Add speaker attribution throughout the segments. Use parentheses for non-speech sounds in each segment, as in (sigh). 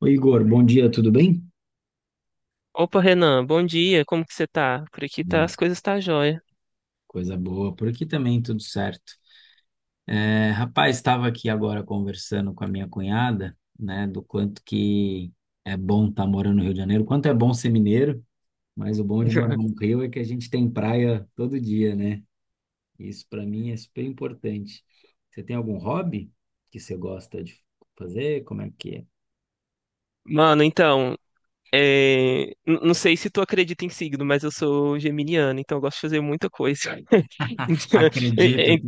Speaker 1: Oi, Igor, bom dia, tudo bem?
Speaker 2: Opa, Renan, bom dia, como que você tá? Por aqui tá,
Speaker 1: Bem.
Speaker 2: as coisas tá jóia.
Speaker 1: Coisa boa, por aqui também tudo certo. É, rapaz, estava aqui agora conversando com a minha cunhada, né, do quanto que é bom estar morando no Rio de Janeiro, quanto é bom ser mineiro, mas o bom de morar no
Speaker 2: (laughs)
Speaker 1: Rio é que a gente tem praia todo dia, né? Isso para mim é super importante. Você tem algum hobby que você gosta de fazer? Como é que é?
Speaker 2: Mano, então, não sei se tu acredita em signo, mas eu sou geminiano, então eu gosto de fazer muita coisa.
Speaker 1: (laughs)
Speaker 2: (laughs)
Speaker 1: Acredito,
Speaker 2: E- e-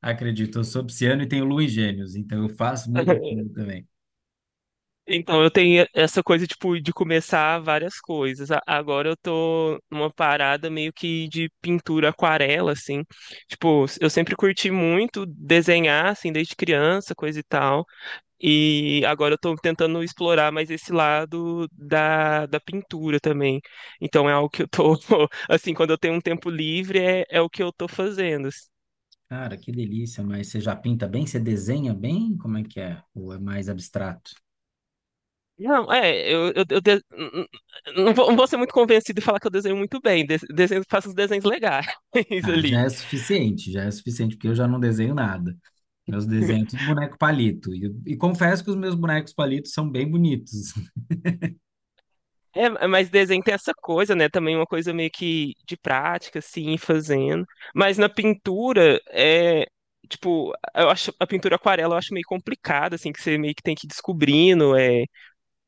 Speaker 1: acredito. Eu sou pisciano e tenho lua em gêmeos, então eu faço muita coisa.
Speaker 2: Então, eu tenho essa coisa, tipo, de começar várias coisas. Agora eu tô numa parada meio que de pintura aquarela, assim. Tipo, eu sempre curti muito desenhar, assim, desde criança, coisa e tal. E agora eu estou tentando explorar mais esse lado da pintura também. Então é algo que eu tô, (laughs) assim, quando eu tenho um tempo livre, é o que eu tô fazendo.
Speaker 1: Cara, que delícia, mas você já pinta bem? Você desenha bem? Como é que é? Ou é mais abstrato?
Speaker 2: Não, eu não vou ser muito convencido e falar que eu desenho muito bem. Desenho, faço uns desenhos legais (laughs)
Speaker 1: Ah,
Speaker 2: ali.
Speaker 1: já é suficiente, porque eu já não desenho nada. Meus desenhos, é tudo boneco palito. E confesso que os meus bonecos palitos são bem bonitos. (laughs)
Speaker 2: É, mas desenho tem essa coisa, né? Também uma coisa meio que de prática, assim, ir fazendo. Mas na pintura. Tipo, eu acho a pintura aquarela eu acho meio complicada, assim, que você meio que tem que ir descobrindo,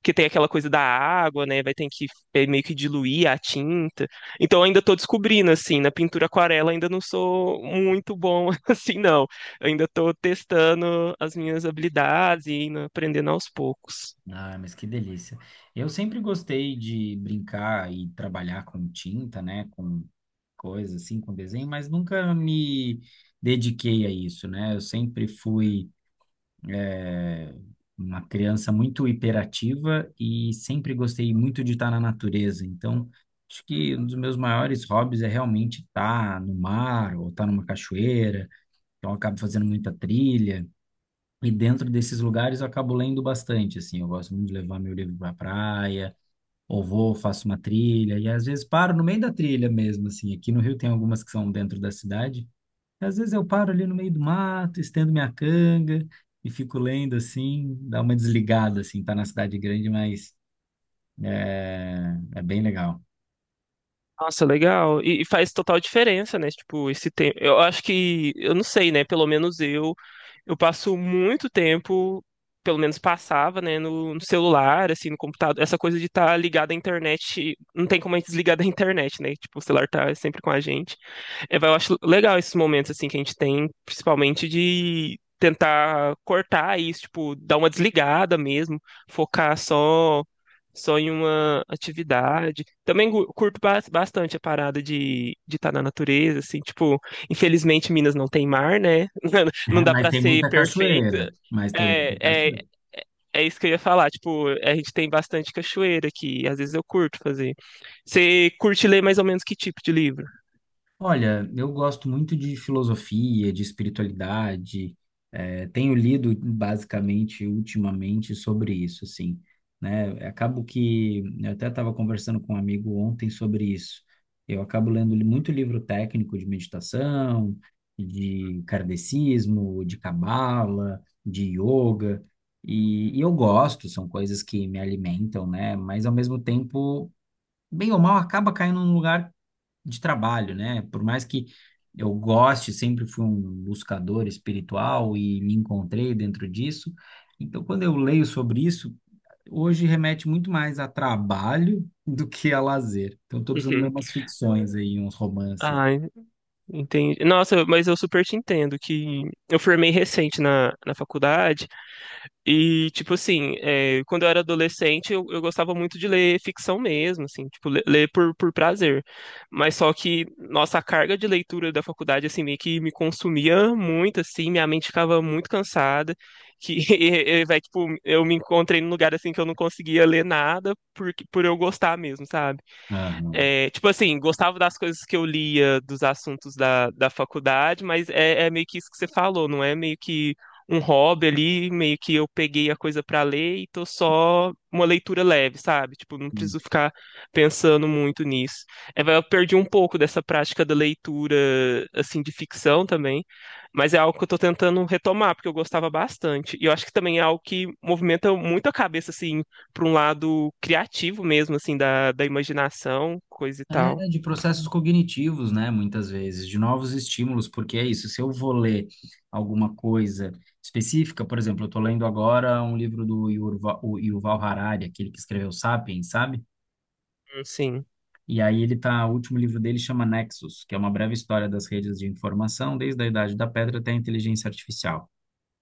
Speaker 2: que tem aquela coisa da água, né? Vai ter que meio que diluir a tinta. Então eu ainda tô descobrindo, assim, na pintura aquarela ainda não sou muito bom, (laughs) assim, não. Eu ainda tô testando as minhas habilidades e indo aprendendo aos poucos.
Speaker 1: Ah, mas que delícia. Eu sempre gostei de brincar e trabalhar com tinta, né? Com coisas assim, com desenho, mas nunca me dediquei a isso, né? Eu sempre fui. é, uma criança muito hiperativa e sempre gostei muito de estar na natureza. Então, acho que um dos meus maiores hobbies é realmente estar no mar ou estar numa cachoeira. Então, eu acabo fazendo muita trilha. E dentro desses lugares eu acabo lendo bastante, assim, eu gosto muito de levar meu livro para praia, ou vou, faço uma trilha, e às vezes paro no meio da trilha mesmo, assim, aqui no Rio tem algumas que são dentro da cidade, às vezes eu paro ali no meio do mato, estendo minha canga e fico lendo assim, dá uma desligada assim, tá na cidade grande, mas é, é bem legal.
Speaker 2: Nossa, legal. E faz total diferença, né? Tipo, esse tempo. Eu acho que, eu não sei, né? Pelo menos eu. Eu passo muito tempo, pelo menos passava, né, no, celular, assim, no computador. Essa coisa de estar ligado à internet, não tem como a gente desligar da internet, né? Tipo, o celular tá sempre com a gente. Eu acho legal esses momentos, assim, que a gente tem, principalmente de tentar cortar isso, tipo, dar uma desligada mesmo, focar só em uma atividade. Também curto bastante a parada de estar na natureza, assim, tipo, infelizmente Minas não tem mar, né? (laughs) Não
Speaker 1: (laughs)
Speaker 2: dá
Speaker 1: Mas
Speaker 2: pra
Speaker 1: tem
Speaker 2: ser
Speaker 1: muita
Speaker 2: perfeita.
Speaker 1: cachoeira, mas tem
Speaker 2: É,
Speaker 1: muita
Speaker 2: é,
Speaker 1: cachoeira.
Speaker 2: é isso que eu ia falar. Tipo, a gente tem bastante cachoeira aqui. Às vezes eu curto fazer. Você curte ler mais ou menos que tipo de livro?
Speaker 1: Olha, eu gosto muito de filosofia, de espiritualidade. Tenho lido basicamente ultimamente sobre isso, assim, né? Acabo que eu até estava conversando com um amigo ontem sobre isso. Eu acabo lendo muito livro técnico de meditação, de kardecismo, de cabala, de yoga, e eu gosto. São coisas que me alimentam, né? Mas ao mesmo tempo, bem ou mal, acaba caindo num lugar de trabalho, né? Por mais que eu goste, sempre fui um buscador espiritual e me encontrei dentro disso. Então, quando eu leio sobre isso, hoje remete muito mais a trabalho (laughs) do que a lazer. Então, estou
Speaker 2: (laughs)
Speaker 1: precisando ler
Speaker 2: Uhum.
Speaker 1: umas ficções aí, uns romances.
Speaker 2: Ah, entendi. Nossa, mas eu super te entendo que eu formei recente na, faculdade. E, tipo assim, quando eu era adolescente, eu gostava muito de ler ficção mesmo, assim, tipo, ler por prazer. Mas só que, nossa, a carga de leitura da faculdade, assim, meio que me consumia muito, assim, minha mente ficava muito cansada, que, (laughs) tipo, eu me encontrei num lugar, assim, que eu não conseguia ler nada por eu gostar mesmo, sabe?
Speaker 1: Aham.
Speaker 2: É, tipo assim, gostava das coisas que eu lia dos assuntos da faculdade, mas é meio que isso que você falou, não é meio que um hobby ali, meio que eu peguei a coisa pra ler e tô só uma leitura leve, sabe? Tipo, não preciso ficar pensando muito nisso. Eu perdi um pouco dessa prática da leitura, assim, de ficção também, mas é algo que eu tô tentando retomar, porque eu gostava bastante. E eu acho que também é algo que movimenta muito a cabeça, assim, para um lado criativo mesmo, assim, da, imaginação, coisa e
Speaker 1: É,
Speaker 2: tal.
Speaker 1: de processos cognitivos, né? Muitas vezes, de novos estímulos, porque é isso. Se eu vou ler alguma coisa específica, por exemplo, eu estou lendo agora um livro do Yuval, o Yuval Harari, aquele que escreveu Sapiens, sabe?
Speaker 2: Sim.
Speaker 1: E aí ele tá, o último livro dele chama Nexus, que é uma breve história das redes de informação, desde a Idade da Pedra até a inteligência artificial.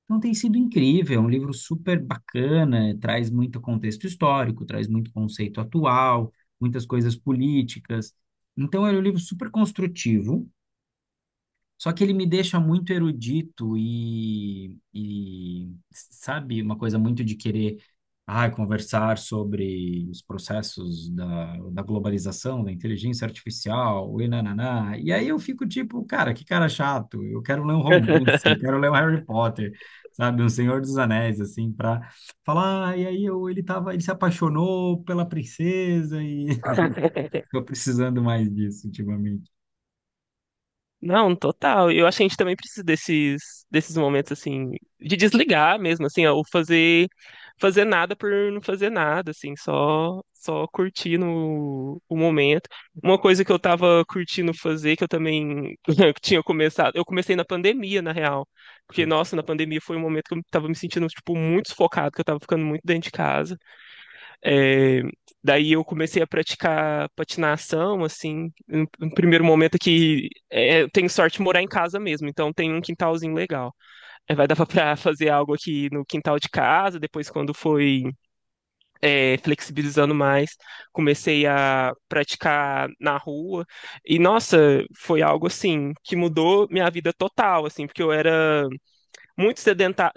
Speaker 1: Então tem sido incrível, é um livro super bacana, traz muito contexto histórico, traz muito conceito atual, muitas coisas políticas. Então é um livro super construtivo, só que ele me deixa muito erudito e sabe, uma coisa muito de querer, ah, conversar sobre os processos da globalização, da inteligência artificial, e nananá. E aí eu fico tipo, cara, que cara chato, eu quero ler um romance, eu quero ler um Harry Potter, sabe, um Senhor dos Anéis, assim, para falar, ah, e aí eu, ele tava, ele se apaixonou pela princesa e (laughs)
Speaker 2: (laughs)
Speaker 1: tô precisando mais disso ultimamente.
Speaker 2: Não, total. Eu acho que a gente também precisa desses, momentos assim de desligar mesmo, assim, ó, ou fazer nada por não fazer nada, assim, só curtir no, o momento. Uma coisa que eu tava curtindo fazer, que eu também (laughs) tinha começado, eu comecei na pandemia, na real, porque, nossa, na pandemia foi um momento que eu tava me sentindo, tipo, muito sufocado, que eu tava ficando muito dentro de casa. É, daí eu comecei a praticar patinação, assim, no primeiro momento, eu tenho sorte de morar em casa mesmo, então tem um quintalzinho legal. É, vai dar para fazer algo aqui no quintal de casa, depois quando foi flexibilizando mais, comecei a praticar na rua, e nossa, foi algo assim, que mudou minha vida total, assim, porque eu era muito sedentário,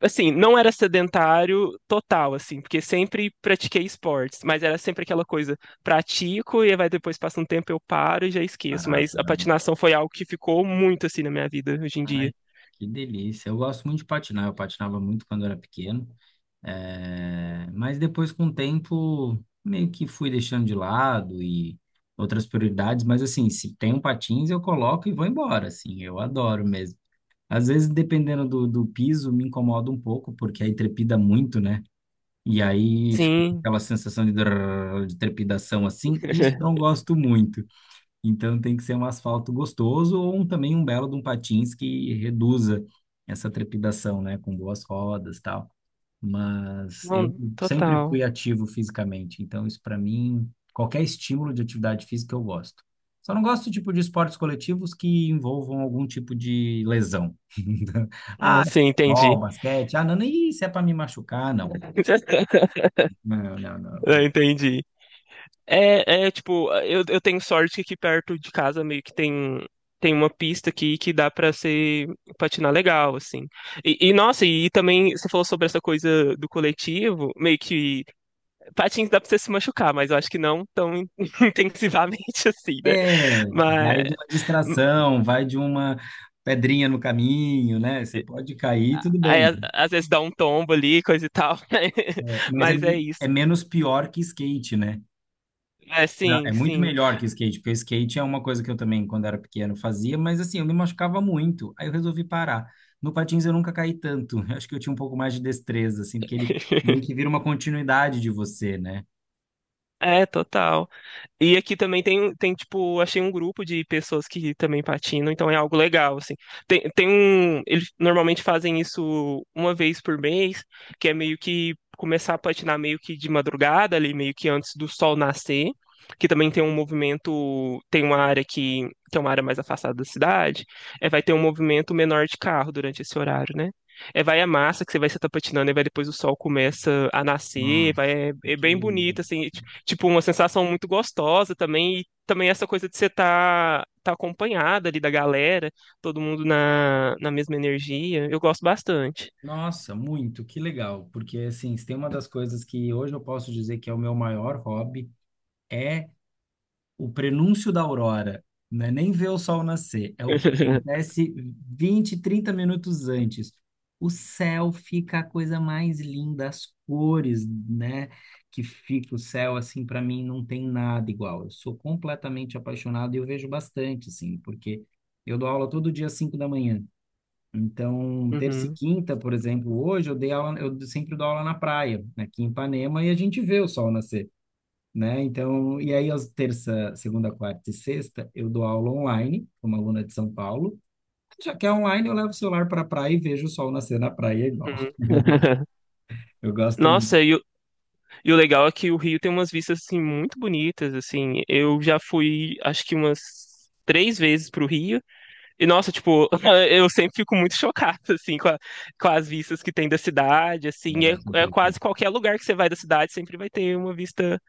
Speaker 2: assim, não era sedentário total, assim, porque sempre pratiquei esportes, mas era sempre aquela coisa, pratico e vai depois passa um tempo eu paro e já esqueço,
Speaker 1: Parado.
Speaker 2: mas a patinação foi algo que ficou muito assim na minha vida hoje em
Speaker 1: Ai,
Speaker 2: dia.
Speaker 1: que delícia. Eu gosto muito de patinar. Eu patinava muito quando era pequeno. É, mas depois, com o tempo, meio que fui deixando de lado e outras prioridades. Mas, assim, se tem um patins, eu coloco e vou embora. Assim, eu adoro mesmo. Às vezes, dependendo do piso, me incomoda um pouco, porque aí trepida muito, né? E aí fica
Speaker 2: Sim,
Speaker 1: aquela sensação de drrr, de trepidação assim. Isso eu não
Speaker 2: (laughs)
Speaker 1: gosto muito. Então tem que ser um asfalto gostoso ou também um belo de um patins que reduza essa trepidação, né? Com boas rodas e tal. Mas eu
Speaker 2: não,
Speaker 1: sempre
Speaker 2: total.
Speaker 1: fui ativo fisicamente, então isso para mim, qualquer estímulo de atividade física eu gosto. Só não gosto tipo de esportes coletivos que envolvam algum tipo de lesão. (laughs)
Speaker 2: Ah,
Speaker 1: Ah,
Speaker 2: sim,
Speaker 1: futebol,
Speaker 2: entendi.
Speaker 1: basquete, ah, não, não, isso é para me machucar, não.
Speaker 2: (laughs)
Speaker 1: Não, não,
Speaker 2: Eu
Speaker 1: não.
Speaker 2: entendi. É, tipo, eu tenho sorte que aqui perto de casa meio que tem, uma pista aqui que dá pra ser patinar legal, assim. E, nossa, e também você falou sobre essa coisa do coletivo, meio que patins dá pra você se machucar, mas eu acho que não tão (laughs) intensivamente assim, né?
Speaker 1: É, vai
Speaker 2: Mas
Speaker 1: de uma distração, vai de uma pedrinha no caminho, né? Você pode cair, tudo
Speaker 2: aí,
Speaker 1: bem.
Speaker 2: às vezes dá um tombo ali, coisa e tal. (laughs)
Speaker 1: É, mas é,
Speaker 2: Mas é
Speaker 1: é
Speaker 2: isso.
Speaker 1: menos pior que skate, né?
Speaker 2: É, sim,
Speaker 1: É muito
Speaker 2: sim.
Speaker 1: melhor que skate, porque skate é uma coisa que eu também, quando era pequeno, fazia, mas assim, eu me machucava muito. Aí eu resolvi parar. No patins eu nunca caí tanto. (laughs) Eu acho que eu tinha um pouco mais de destreza, assim, porque ele meio que
Speaker 2: (laughs)
Speaker 1: vira uma continuidade de você, né?
Speaker 2: É, total. E aqui também tem, tipo, achei um grupo de pessoas que também patinam, então é algo legal, assim. Tem um. Eles normalmente fazem isso uma vez por mês, que é meio que começar a patinar meio que de madrugada, ali, meio que antes do sol nascer, que também tem um movimento, tem uma área que é uma área mais afastada da cidade, vai ter um movimento menor de carro durante esse horário, né? É, vai a massa que você vai estar patinando, e vai depois o sol começa a nascer,
Speaker 1: Nossa,
Speaker 2: é
Speaker 1: que
Speaker 2: bem
Speaker 1: delícia.
Speaker 2: bonito, assim, tipo, uma sensação muito gostosa também, e também essa coisa de você tá, acompanhada ali da galera, todo mundo na mesma energia, eu gosto bastante.
Speaker 1: Nossa, muito, que legal, porque assim, se tem uma das coisas que hoje eu posso dizer que é o meu maior hobby, é o prenúncio da aurora, não é nem ver o sol nascer, é o que
Speaker 2: (laughs)
Speaker 1: acontece 20, 30 minutos antes. O céu fica a coisa mais linda, as cores, né, que fica o céu, assim, para mim não tem nada igual. Eu sou completamente apaixonado e eu vejo bastante, assim, porque eu dou aula todo dia às 5 da manhã. Então, terça e
Speaker 2: Uhum,
Speaker 1: quinta, por exemplo, hoje eu dei aula, eu sempre dou aula na praia, aqui em Ipanema, e a gente vê o sol nascer, né? Então, e aí às terça, segunda, quarta e sexta, eu dou aula online, como aluna de São Paulo. Já que é online, eu levo o celular para a praia e vejo o sol nascer na praia igual.
Speaker 2: uhum.
Speaker 1: (laughs)
Speaker 2: (laughs)
Speaker 1: Eu gosto muito
Speaker 2: Nossa, e o legal é que o Rio tem umas vistas, assim, muito bonitas, assim, eu já fui, acho que umas três vezes pro Rio. E nossa, tipo, (laughs) eu sempre fico muito chocado, assim, com as vistas que tem da cidade, assim,
Speaker 1: do
Speaker 2: é,
Speaker 1: negócio
Speaker 2: é
Speaker 1: impressionante.
Speaker 2: quase qualquer lugar que você vai da cidade sempre vai ter uma vista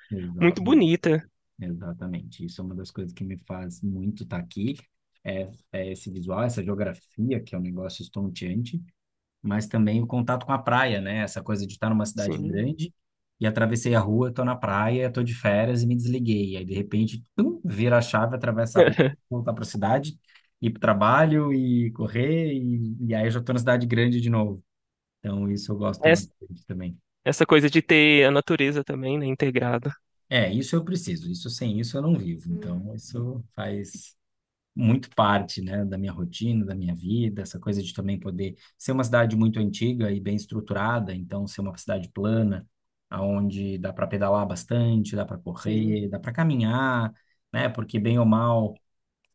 Speaker 2: muito
Speaker 1: Exatamente,
Speaker 2: bonita,
Speaker 1: exatamente. Isso é uma das coisas que me faz muito estar aqui, é, é esse visual, essa geografia, que é um negócio estonteante. Mas também o contato com a praia, né? Essa coisa de estar numa cidade
Speaker 2: sim.
Speaker 1: grande e atravessei a rua, tô na praia, tô de férias e me desliguei. Aí, de repente, tum, vira a chave, atravessa a rua,
Speaker 2: (laughs)
Speaker 1: voltar para a cidade, ir para o trabalho e correr, e aí eu já tô na cidade grande de novo. Então, isso eu gosto
Speaker 2: Essa,
Speaker 1: bastante também.
Speaker 2: essa coisa de ter a natureza também, né, integrada.
Speaker 1: É, isso eu preciso. Isso sem isso eu não vivo.
Speaker 2: Hum.
Speaker 1: Então, isso faz muito parte, né, da minha rotina, da minha vida, essa coisa de também poder ser uma cidade muito antiga e bem estruturada, então ser uma cidade plana, aonde dá para pedalar bastante, dá para
Speaker 2: Sim,
Speaker 1: correr, dá para caminhar, né? Porque bem ou mal,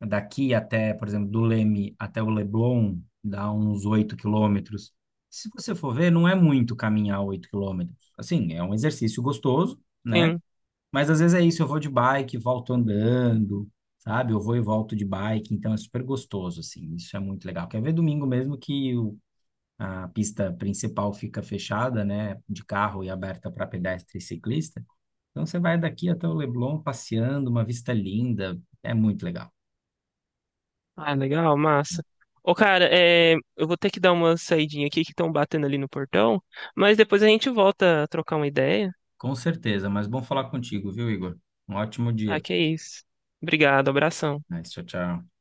Speaker 1: daqui até, por exemplo, do Leme até o Leblon, dá uns 8 km. Se você for ver, não é muito caminhar 8 km. Assim, é um exercício gostoso, né?
Speaker 2: sim.
Speaker 1: Mas às vezes é isso, eu vou de bike, volto andando, sabe? Eu vou e volto de bike, então é super gostoso, assim, isso é muito legal. Quer ver domingo mesmo que a pista principal fica fechada, né, de carro e aberta para pedestre e ciclista. Então você vai daqui até o Leblon passeando, uma vista linda, é muito legal.
Speaker 2: Ah, legal, massa. Ô, cara, eu vou ter que dar uma saidinha aqui que estão batendo ali no portão, mas depois a gente volta a trocar uma ideia.
Speaker 1: Com certeza, mas bom falar contigo, viu, Igor? Um ótimo
Speaker 2: Ah,
Speaker 1: dia.
Speaker 2: que é isso. Obrigado, abração.
Speaker 1: Mas, tchau, tchau.